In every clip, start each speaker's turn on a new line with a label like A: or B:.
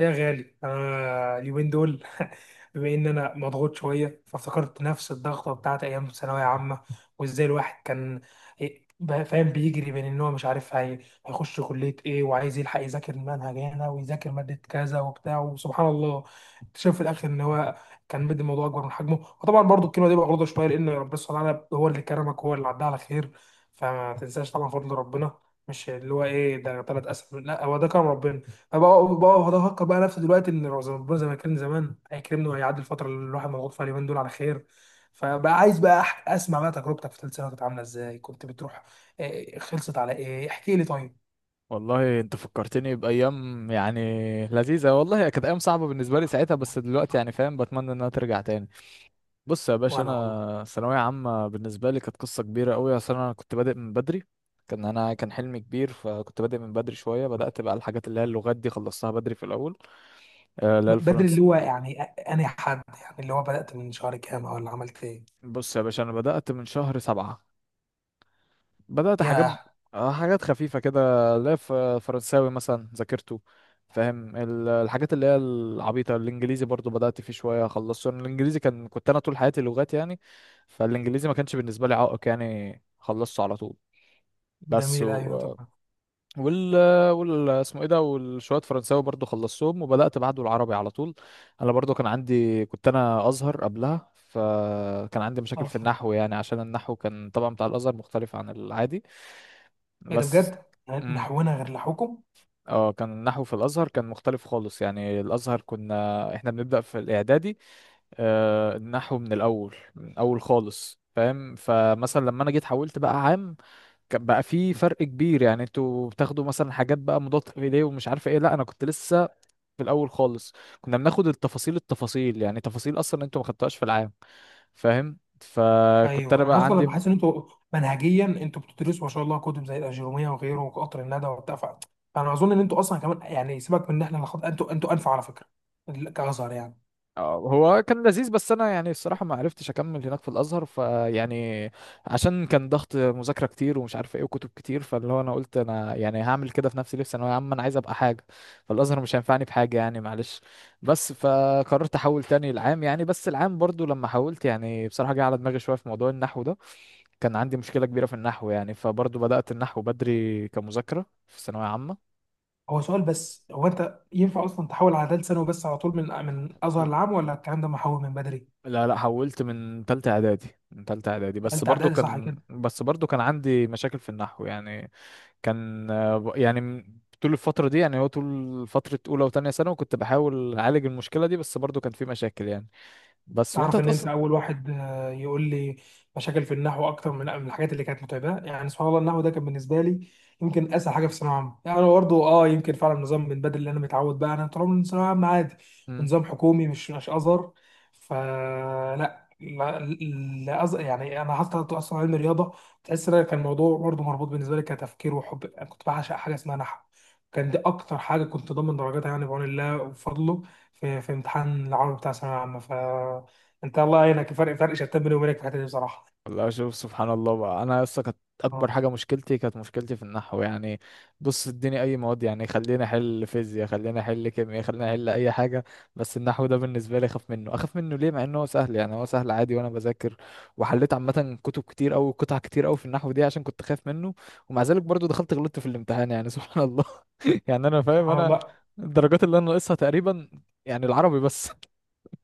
A: يا غالي انا اليومين دول بما ان انا مضغوط شويه فافتكرت نفس الضغطه بتاعت ايام ثانويه عامه وازاي الواحد كان فاهم بيجري بين ان هو مش عارف هيخش كليه ايه وعايز يلحق يذاكر منهج هنا ويذاكر ماده كذا وبتاع. وسبحان الله اكتشف في الاخر ان هو كان مدي الموضوع اكبر من حجمه. وطبعا برضو الكلمه دي مغلوطه شويه لان ربنا سبحانه وتعالى هو اللي كرمك، هو اللي عدى على خير. فما تنساش طبعا فضل ربنا، مش اللي هو ايه ده ثلاث اسف، لا هو ده كرم ربنا. بقعد افكر بقى نفسي دلوقتي ان ربنا زي ما كان زمان هيكرمني وهيعدي الفتره اللي الواحد مضغوط فيها اليومين دول على خير. فبقى عايز بقى اسمع بقى تجربتك في ثالث سنه كانت عامله ازاي، كنت بتروح. آه، آه، خلصت على ايه احكي لي طيب.
B: والله انت فكرتني بايام يعني لذيذه. والله هي كانت ايام صعبه بالنسبه لي ساعتها، بس دلوقتي يعني فاهم، بتمنى انها ترجع تاني. بص يا باشا،
A: وانا والله
B: انا ثانويه عامه بالنسبه لي كانت قصه كبيره قوي، اصل انا كنت بادئ من بدري. كان حلمي كبير، فكنت بادئ من بدري شويه. بدات بقى الحاجات اللي هي اللغات دي، خلصتها بدري في الاول. آه، اللي هي
A: بدري اللي
B: الفرنسي.
A: هو يعني، انا حد يعني اللي هو بدات من شهر كام ولا عملت ايه؟
B: بص يا باشا، انا بدات من شهر 7، بدأت حاجات.
A: ياه.
B: آه، حاجات خفيفة كده. لا، فرنساوي مثلا ذاكرته، فاهم. الحاجات اللي هي العبيطة، الإنجليزي برضو بدأت فيه شوية، خلصت الإنجليزي. كنت أنا طول حياتي لغات يعني. فالإنجليزي ما كانش بالنسبة لي عائق يعني، خلصته على طول. بس
A: جميل ايوه طبعا،
B: وال وال اسمه ايه ده، والشويه فرنساوي برضو خلصتهم، وبدات بعده العربي على طول. انا برضو كان عندي كنت انا ازهر قبلها، فكان عندي مشاكل في
A: اصلا
B: النحو يعني، عشان النحو كان طبعا بتاع الازهر مختلف عن العادي.
A: ايه ده
B: بس
A: بجد،
B: امم
A: نحونا غير لحوكم.
B: اه كان النحو في الازهر كان مختلف خالص يعني. الازهر كنا احنا بنبدا في الاعدادي، آه النحو من الاول من الاول خالص، فاهم. فمثلا لما انا جيت حولت بقى عام، كان بقى في فرق كبير يعني. انتوا بتاخدوا مثلا حاجات بقى مضاد ايديه ومش عارفه ايه، لا انا كنت لسه في الاول خالص. كنا بناخد التفاصيل التفاصيل، يعني تفاصيل اصلا انتوا ما خدتوهاش في العام، فاهم. فكنت انا
A: ايوه انا
B: بقى
A: اصلا
B: عندي.
A: بحس ان انتوا منهجيا انتوا بتدرسوا ما شاء الله كتب زي الاجروميه وغيره وقطر الندى وبتاع. فانا اظن ان انتوا اصلا كمان، يعني سيبك من ان احنا اللي خد... انتوا انفع على فكره، كازهر يعني.
B: اه هو كان لذيذ، بس انا يعني الصراحه ما عرفتش اكمل هناك في الازهر، فيعني عشان كان ضغط مذاكره كتير ومش عارف ايه وكتب كتير، فاللي هو انا قلت انا يعني هعمل كده في نفسي ليه؟ في ثانويه عامه انا عايز ابقى حاجه، فالازهر مش هينفعني بحاجه يعني، معلش. بس فقررت احول تاني العام يعني، بس العام برضو لما حولت يعني بصراحه جه على دماغي شويه في موضوع النحو ده. كان عندي مشكله كبيره في النحو يعني، فبرضو بدات النحو بدري كمذاكره في ثانويه عامه.
A: هو سؤال بس، هو انت ينفع اصلا تحول على ثالث ثانوي بس على طول من ازهر العام ولا الكلام ده محول من بدري؟
B: لا، لا، حولت من تالتة اعدادي، من تالتة اعدادي، بس
A: ثالثه
B: برضو
A: اعدادي، صح.
B: كان عندي مشاكل في النحو يعني. كان يعني طول الفترة دي يعني، هو طول فترة أولى وتانية ثانوي كنت بحاول أعالج المشكلة دي، بس برضو كان في مشاكل يعني. بس وأنت
A: تعرف ان انت
B: هتقص.
A: اول واحد يقول لي مشاكل في النحو اكتر من الحاجات اللي كانت متعبه. يعني سبحان الله، النحو ده كان بالنسبه لي يمكن اسهل حاجه في الثانويه العامه. يعني انا برضه يمكن فعلا نظام من بدري اللي انا متعود بقى، انا طول عمري من ثانويه عامه عادي ونظام حكومي مش ازهر. فلا لا لا يعني انا حتى اصلا علم رياضه، تحس ان أنا كان الموضوع برضه مربوط بالنسبه لي كتفكير وحب. انا كنت بعشق حاجه اسمها نحو، كان دي اكتر حاجه كنت ضامن درجاتها يعني بعون الله وفضله، في امتحان العربي بتاع ثانويه عامه. انت الله يعينك، فرق، فرق شتان بيني وبينك في الحته دي بصراحه.
B: والله شوف، سبحان الله بقى. انا لسه كانت
A: اه
B: اكبر حاجه، مشكلتي في النحو يعني. بص اديني اي مواد يعني، خليني احل فيزياء، خليني احل كيمياء، خليني احل اي حاجه، بس النحو ده بالنسبه لي اخاف منه، اخاف منه ليه مع انه هو سهل يعني؟ هو سهل عادي وانا بذاكر، وحليت عامه كتب كتير او قطع كتير او في النحو دي عشان كنت خايف منه، ومع ذلك برضو دخلت غلطت في الامتحان يعني، سبحان الله. يعني انا فاهم،
A: سبحان
B: انا
A: الله.
B: الدرجات اللي انا ناقصها تقريبا يعني العربي بس.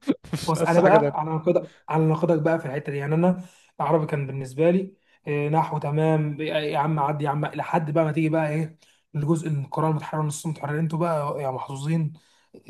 B: مش
A: بص
B: ناقص
A: انا
B: حاجه.
A: بقى على نقدك على نقدك بقى في الحته دي، يعني انا العربي كان بالنسبه لي نحو تمام يا عم، عدي يا عم لحد بقى ما تيجي بقى ايه الجزء، القراءه المتحرره، نص متحرر. انتوا بقى يا محظوظين،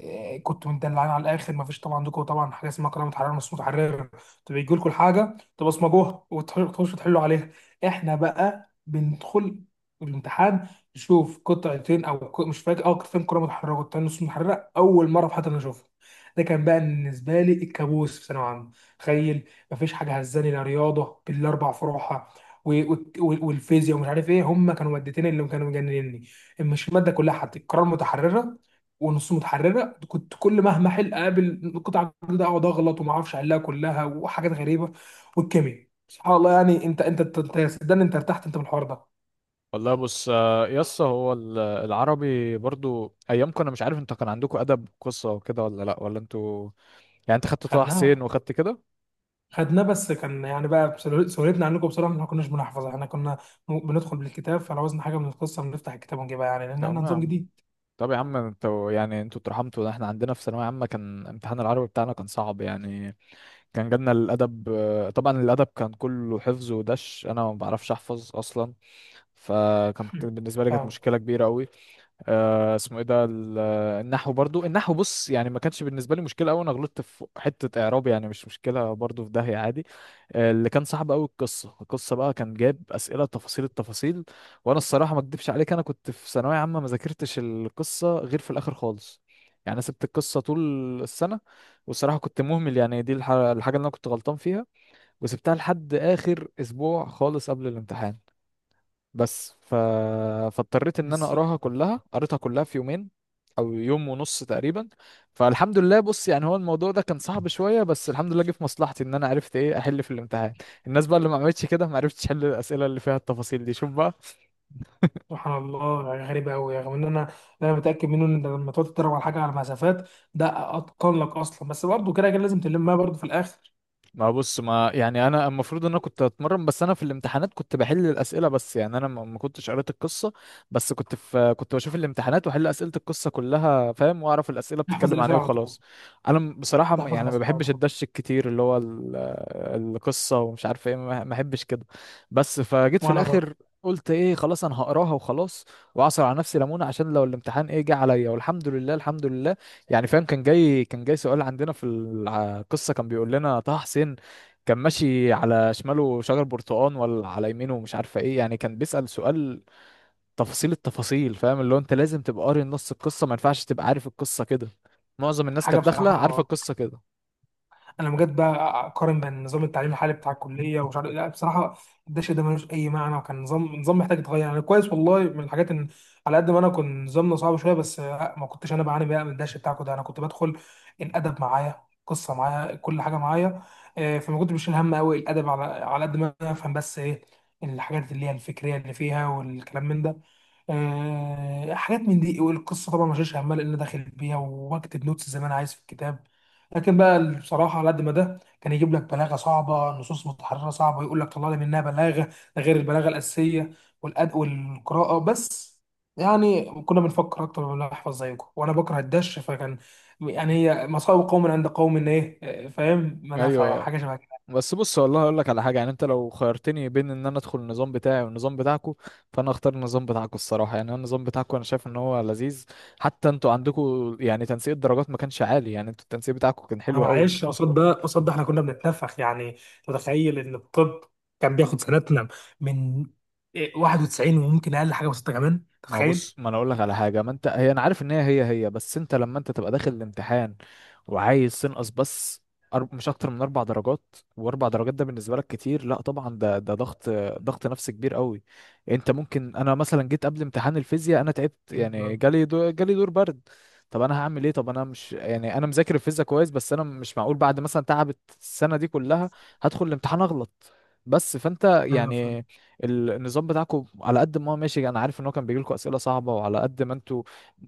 A: كنتوا مدلعين على الاخر. ما فيش طبعا عندكم طبعا حاجه اسمها قراءه متحرره نص متحرر، تبقى يجي لكم الحاجه تبصمجوها وتخشوا تحلوا عليها. احنا بقى بندخل الامتحان نشوف قطعتين او مش فاكر، قطعتين قراءه متحرره وقطعتين نص متحرره اول مره في حياتنا نشوفها. ده كان بقى بالنسبه لي الكابوس في ثانويه عامه. تخيل، مفيش حاجه هزاني، لا رياضه بالاربع فروعها والفيزياء ومش عارف ايه، هم كانوا مادتين اللي كانوا مجننني. مش الماده كلها، حتى القراءه المتحرره ونص متحرره كنت كل مهما احل اقابل قطعه جديده اقعد اغلط وما اعرفش احلها كلها، وحاجات غريبه. والكيمياء سبحان الله، يعني صدقني انت ارتحت انت من الحوار ده.
B: والله بص. آه، يس هو العربي، برضو ايامكم انا مش عارف انت كان عندكم ادب قصه وكده ولا لا، ولا انتوا يعني انت خدت طه حسين
A: خدناها
B: وخدت كده؟
A: خدناه بس كان يعني بقى سهولتنا عنكم بصراحه إن احنا ما كناش بنحفظ، احنا كنا بندخل بالكتاب، فلو عاوزنا حاجه من القصه بنفتح الكتاب ونجيبها، يعني لان احنا
B: تمام يا
A: نظام
B: عم.
A: جديد.
B: طب يا عم انتوا يعني انتوا اترحمتوا، ده احنا عندنا في ثانويه عامه كان امتحان العربي بتاعنا كان صعب يعني. كان جالنا الادب، آه، طبعا الادب كان كله حفظ ودش، انا ما بعرفش احفظ اصلا، فكانت بالنسبه لي كانت
A: فاهم،
B: مشكله كبيره قوي. اسمه ايه ده، النحو برضو، النحو بص يعني ما كانش بالنسبه لي مشكله قوي، انا غلطت في حته اعراب يعني، مش مشكله برضو، في داهيه عادي. آه اللي كان صعب قوي القصه، القصه بقى كان جايب اسئله تفاصيل التفاصيل، وانا الصراحه ما اكدبش عليك انا كنت في ثانويه عامه ما ذاكرتش القصه غير في الاخر خالص يعني. انا سبت القصه طول السنه، والصراحه كنت مهمل يعني، دي الحاجه اللي انا كنت غلطان فيها، وسبتها لحد اخر اسبوع خالص قبل الامتحان. بس ف... فاضطريت ان انا
A: بس.
B: اقراها كلها، قريتها كلها في يومين او يوم ونص تقريبا. فالحمد لله، بص يعني هو الموضوع ده كان صعب شويه، بس الحمد لله جه في مصلحتي ان انا عرفت ايه احل في الامتحان. الناس بقى اللي ما عملتش كده ما عرفتش احل الاسئله اللي فيها التفاصيل دي، شوف بقى.
A: سبحان الله يعني غريبه قوي، رغم ان انا متاكد منه ان لما تقعد تتدرب على حاجه على مسافات ده اتقن لك اصلا، بس برضه كده كده لازم تلمها برضه في الاخر.
B: ما بص، ما يعني انا المفروض ان انا كنت اتمرن، بس انا في الامتحانات كنت بحل الاسئله بس، يعني انا ما كنتش قريت القصه. بس كنت بشوف الامتحانات واحل اسئله القصه كلها، فاهم، واعرف الاسئله
A: تحفظ
B: بتتكلم عن ايه،
A: الاسئله على طول،
B: وخلاص. انا بصراحه،
A: تحفظ
B: يعني ما
A: الاسئله على
B: بحبش
A: طول.
B: الدش الكتير اللي هو القصه ومش عارف ايه، ما بحبش كده. بس فجيت في
A: وانا برضه.
B: الاخر قلت ايه، خلاص انا هقراها وخلاص، واعصر على نفسي ليمونه عشان لو الامتحان ايه جه عليا. والحمد لله، الحمد لله. يعني فاهم، كان جاي سؤال عندنا في القصة كان بيقول لنا طه حسين كان ماشي على شماله شجر برتقان ولا على يمينه، مش عارفة ايه. يعني كان بيسأل سؤال تفاصيل التفاصيل، فاهم. اللي هو انت لازم تبقى قاري نص القصة، ما ينفعش تبقى عارف القصة كده. معظم الناس
A: حاجه
B: كانت داخلة عارفة
A: بصراحه
B: القصة كده.
A: انا بجد بقى اقارن بين نظام التعليم الحالي بتاع الكليه ومش عارف لا بصراحه الدش ده ملوش اي معنى، وكان نظام محتاج يتغير يعني كويس والله. من الحاجات ان على قد ما انا كنت نظامنا صعب شويه بس ما كنتش انا بعاني بقى من الدش بتاعكم ده، انا كنت بدخل الادب معايا، القصه معايا، كل حاجه معايا. فما كنتش بشيل هم قوي الادب، على قد ما انا افهم بس ايه الحاجات اللي هي الفكريه اللي فيها والكلام من ده. حاجات من دي. والقصه طبعا ما شيلش همها لان داخل بيها وبكتب نوتس زي ما انا عايز في الكتاب. لكن بقى بصراحه على قد ما ده كان يجيب لك بلاغه صعبه، نصوص متحرره صعبه، يقول لك طلع لي منها بلاغه، ده غير البلاغه الاساسيه والأد والقراءه بس. يعني كنا بنفكر اكتر من نحفظ زيكم، وانا بكره الدش فكان يعني هي مصائب قوم عند قوم، ان ايه فاهم، منافع
B: ايوه،
A: حاجه شبه.
B: بس بص والله اقول لك على حاجه. يعني انت لو خيرتني بين ان انا ادخل النظام بتاعي والنظام بتاعكو، فانا اختار النظام بتاعكو الصراحه. يعني انا النظام بتاعكو انا شايف ان هو لذيذ، حتى انتوا عندكم يعني تنسيق الدرجات ما كانش عالي يعني، انتوا التنسيق بتاعكو كان
A: ما
B: حلو قوي.
A: معلش قصاد ده قصاد ده احنا كنا بنتنفخ يعني. متخيل ان الطب كان بياخد سنتنا من 91 وممكن اقل حاجه بسيطه كمان،
B: ما هو
A: تتخيل؟
B: بص، ما انا اقول لك على حاجه، ما انت هي انا عارف ان هي، بس انت لما انت تبقى داخل الامتحان وعايز تنقص بس، مش اكتر من 4 درجات، واربع درجات ده بالنسبه لك كتير، لا طبعا ده ضغط، ضغط نفسي كبير قوي. انت ممكن انا مثلا جيت قبل امتحان الفيزياء انا تعبت يعني،
A: جداً.
B: جالي دور برد. طب انا هعمل ايه؟ طب انا مش يعني انا مذاكر الفيزياء كويس، بس انا مش معقول بعد مثلا تعبت السنه دي كلها هدخل الامتحان اغلط. بس فانت
A: ايوه فاهم.
B: يعني النظام بتاعكم على قد ما هو ماشي، انا عارف ان هو كان بيجي لكم اسئله صعبه، وعلى قد ما انتوا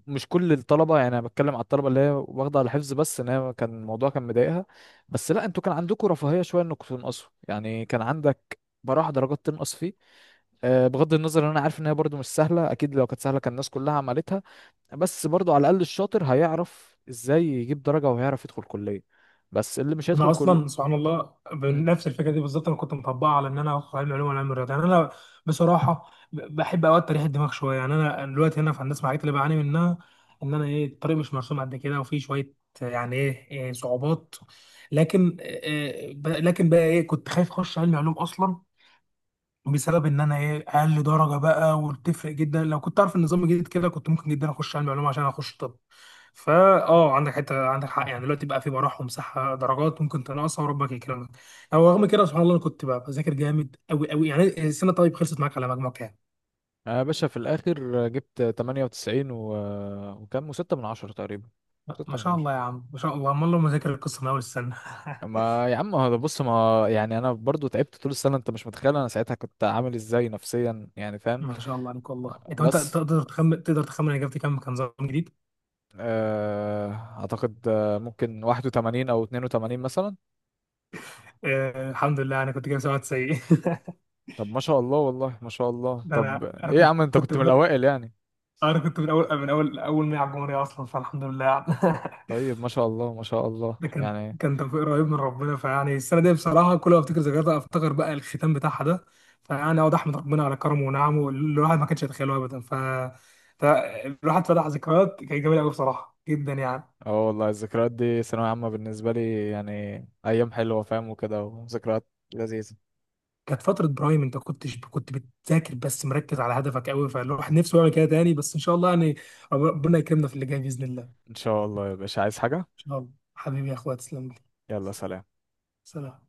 B: مش كل الطلبه، يعني انا بتكلم على الطلبه اللي هي واخده على الحفظ بس، ان هي كان الموضوع كان مضايقها. بس لا، انتوا كان عندكم رفاهيه شويه انكم تنقصوا، يعني كان عندك براح درجات تنقص فيه. آه، بغض النظر ان انا عارف ان هي برضو مش سهله، اكيد لو كانت سهله كان الناس كلها عملتها، بس برضو على الاقل الشاطر هيعرف ازاي يجيب درجه وهيعرف يدخل كليه. بس اللي مش
A: انا
B: هيدخل كل.
A: اصلا سبحان الله بنفس الفكره دي بالظبط، انا كنت مطبقها على ان انا اخد علم علوم ولا علم رياضه يعني. انا بصراحه بحب اوقات تريح الدماغ شويه، يعني انا دلوقتي هنا في هندسه الحاجات اللي بعاني منها ان انا ايه الطريق مش مرسوم قد كده وفي شويه يعني ايه صعوبات. لكن لكن بقى ايه كنت خايف اخش علم علوم اصلا بسبب ان انا اقل درجه بقى، وبتفرق جدا. لو كنت اعرف النظام الجديد كده كنت ممكن جدا اخش علم علوم عشان اخش طب. فا اه عندك حق يعني دلوقتي بقى في براح ومساحه درجات ممكن تنقصها وربك يكرمك. او رغم كده سبحان الله انا كنت بقى بذاكر جامد قوي قوي يعني السنه. طيب خلصت معاك على مجموع كام؟
B: يا باشا في الآخر جبت 98 وكام وستة من عشرة تقريبا،
A: ما
B: ستة من
A: شاء الله يا
B: عشرة
A: عم، ما شاء الله، امال لو مذاكر القصه من اول السنه.
B: ما يا عم، هذا بص ما يعني أنا برضو تعبت طول السنة، أنت مش متخيل أنا ساعتها كنت عامل إزاي نفسيا يعني، فاهم.
A: ما شاء الله عليك والله. انت وانت
B: بس
A: تقدر تخمن، تقدر تخمن أنا جبت كام؟ كان نظام جديد.
B: آه، أعتقد ممكن 81 أو 82 مثلا.
A: آه الحمد لله، انا كنت جايب 97.
B: طب ما شاء الله، والله ما شاء الله.
A: ده
B: طب
A: انا انا
B: إيه يا عم،
A: كنت
B: أنت
A: كنت
B: كنت من الأوائل يعني؟
A: انا كنت من اول 100 على الجمهوريه اصلا، فالحمد لله يعني.
B: طيب ما شاء الله، ما شاء الله
A: ده كان
B: يعني.
A: كان توفيق رهيب من ربنا، فيعني السنه دي بصراحه كل ما افتكر ذكرياتها افتكر بقى الختام بتاعها ده، فيعني اقعد احمد ربنا على كرمه ونعمه اللي الواحد ما كانش يتخيله ابدا. ف- الواحد فتح ذكريات كانت جميله قوي بصراحه جدا يعني.
B: اه والله، الذكريات دي ثانوية عامة بالنسبة لي يعني أيام حلوة، فاهم، وكده وذكريات لذيذة.
A: كانت فتره برايم، انت كنتش كنت بتذاكر بس مركز على هدفك قوي، فالواحد نفسه يعمل كده تاني بس ان شاء الله يعني ربنا يكرمنا في اللي جاي باذن الله. ان
B: ان شاء الله يا باشا، عايز حاجة؟
A: شاء الله حبيبي يا اخويا، تسلم لي،
B: يلا، سلام.
A: سلام.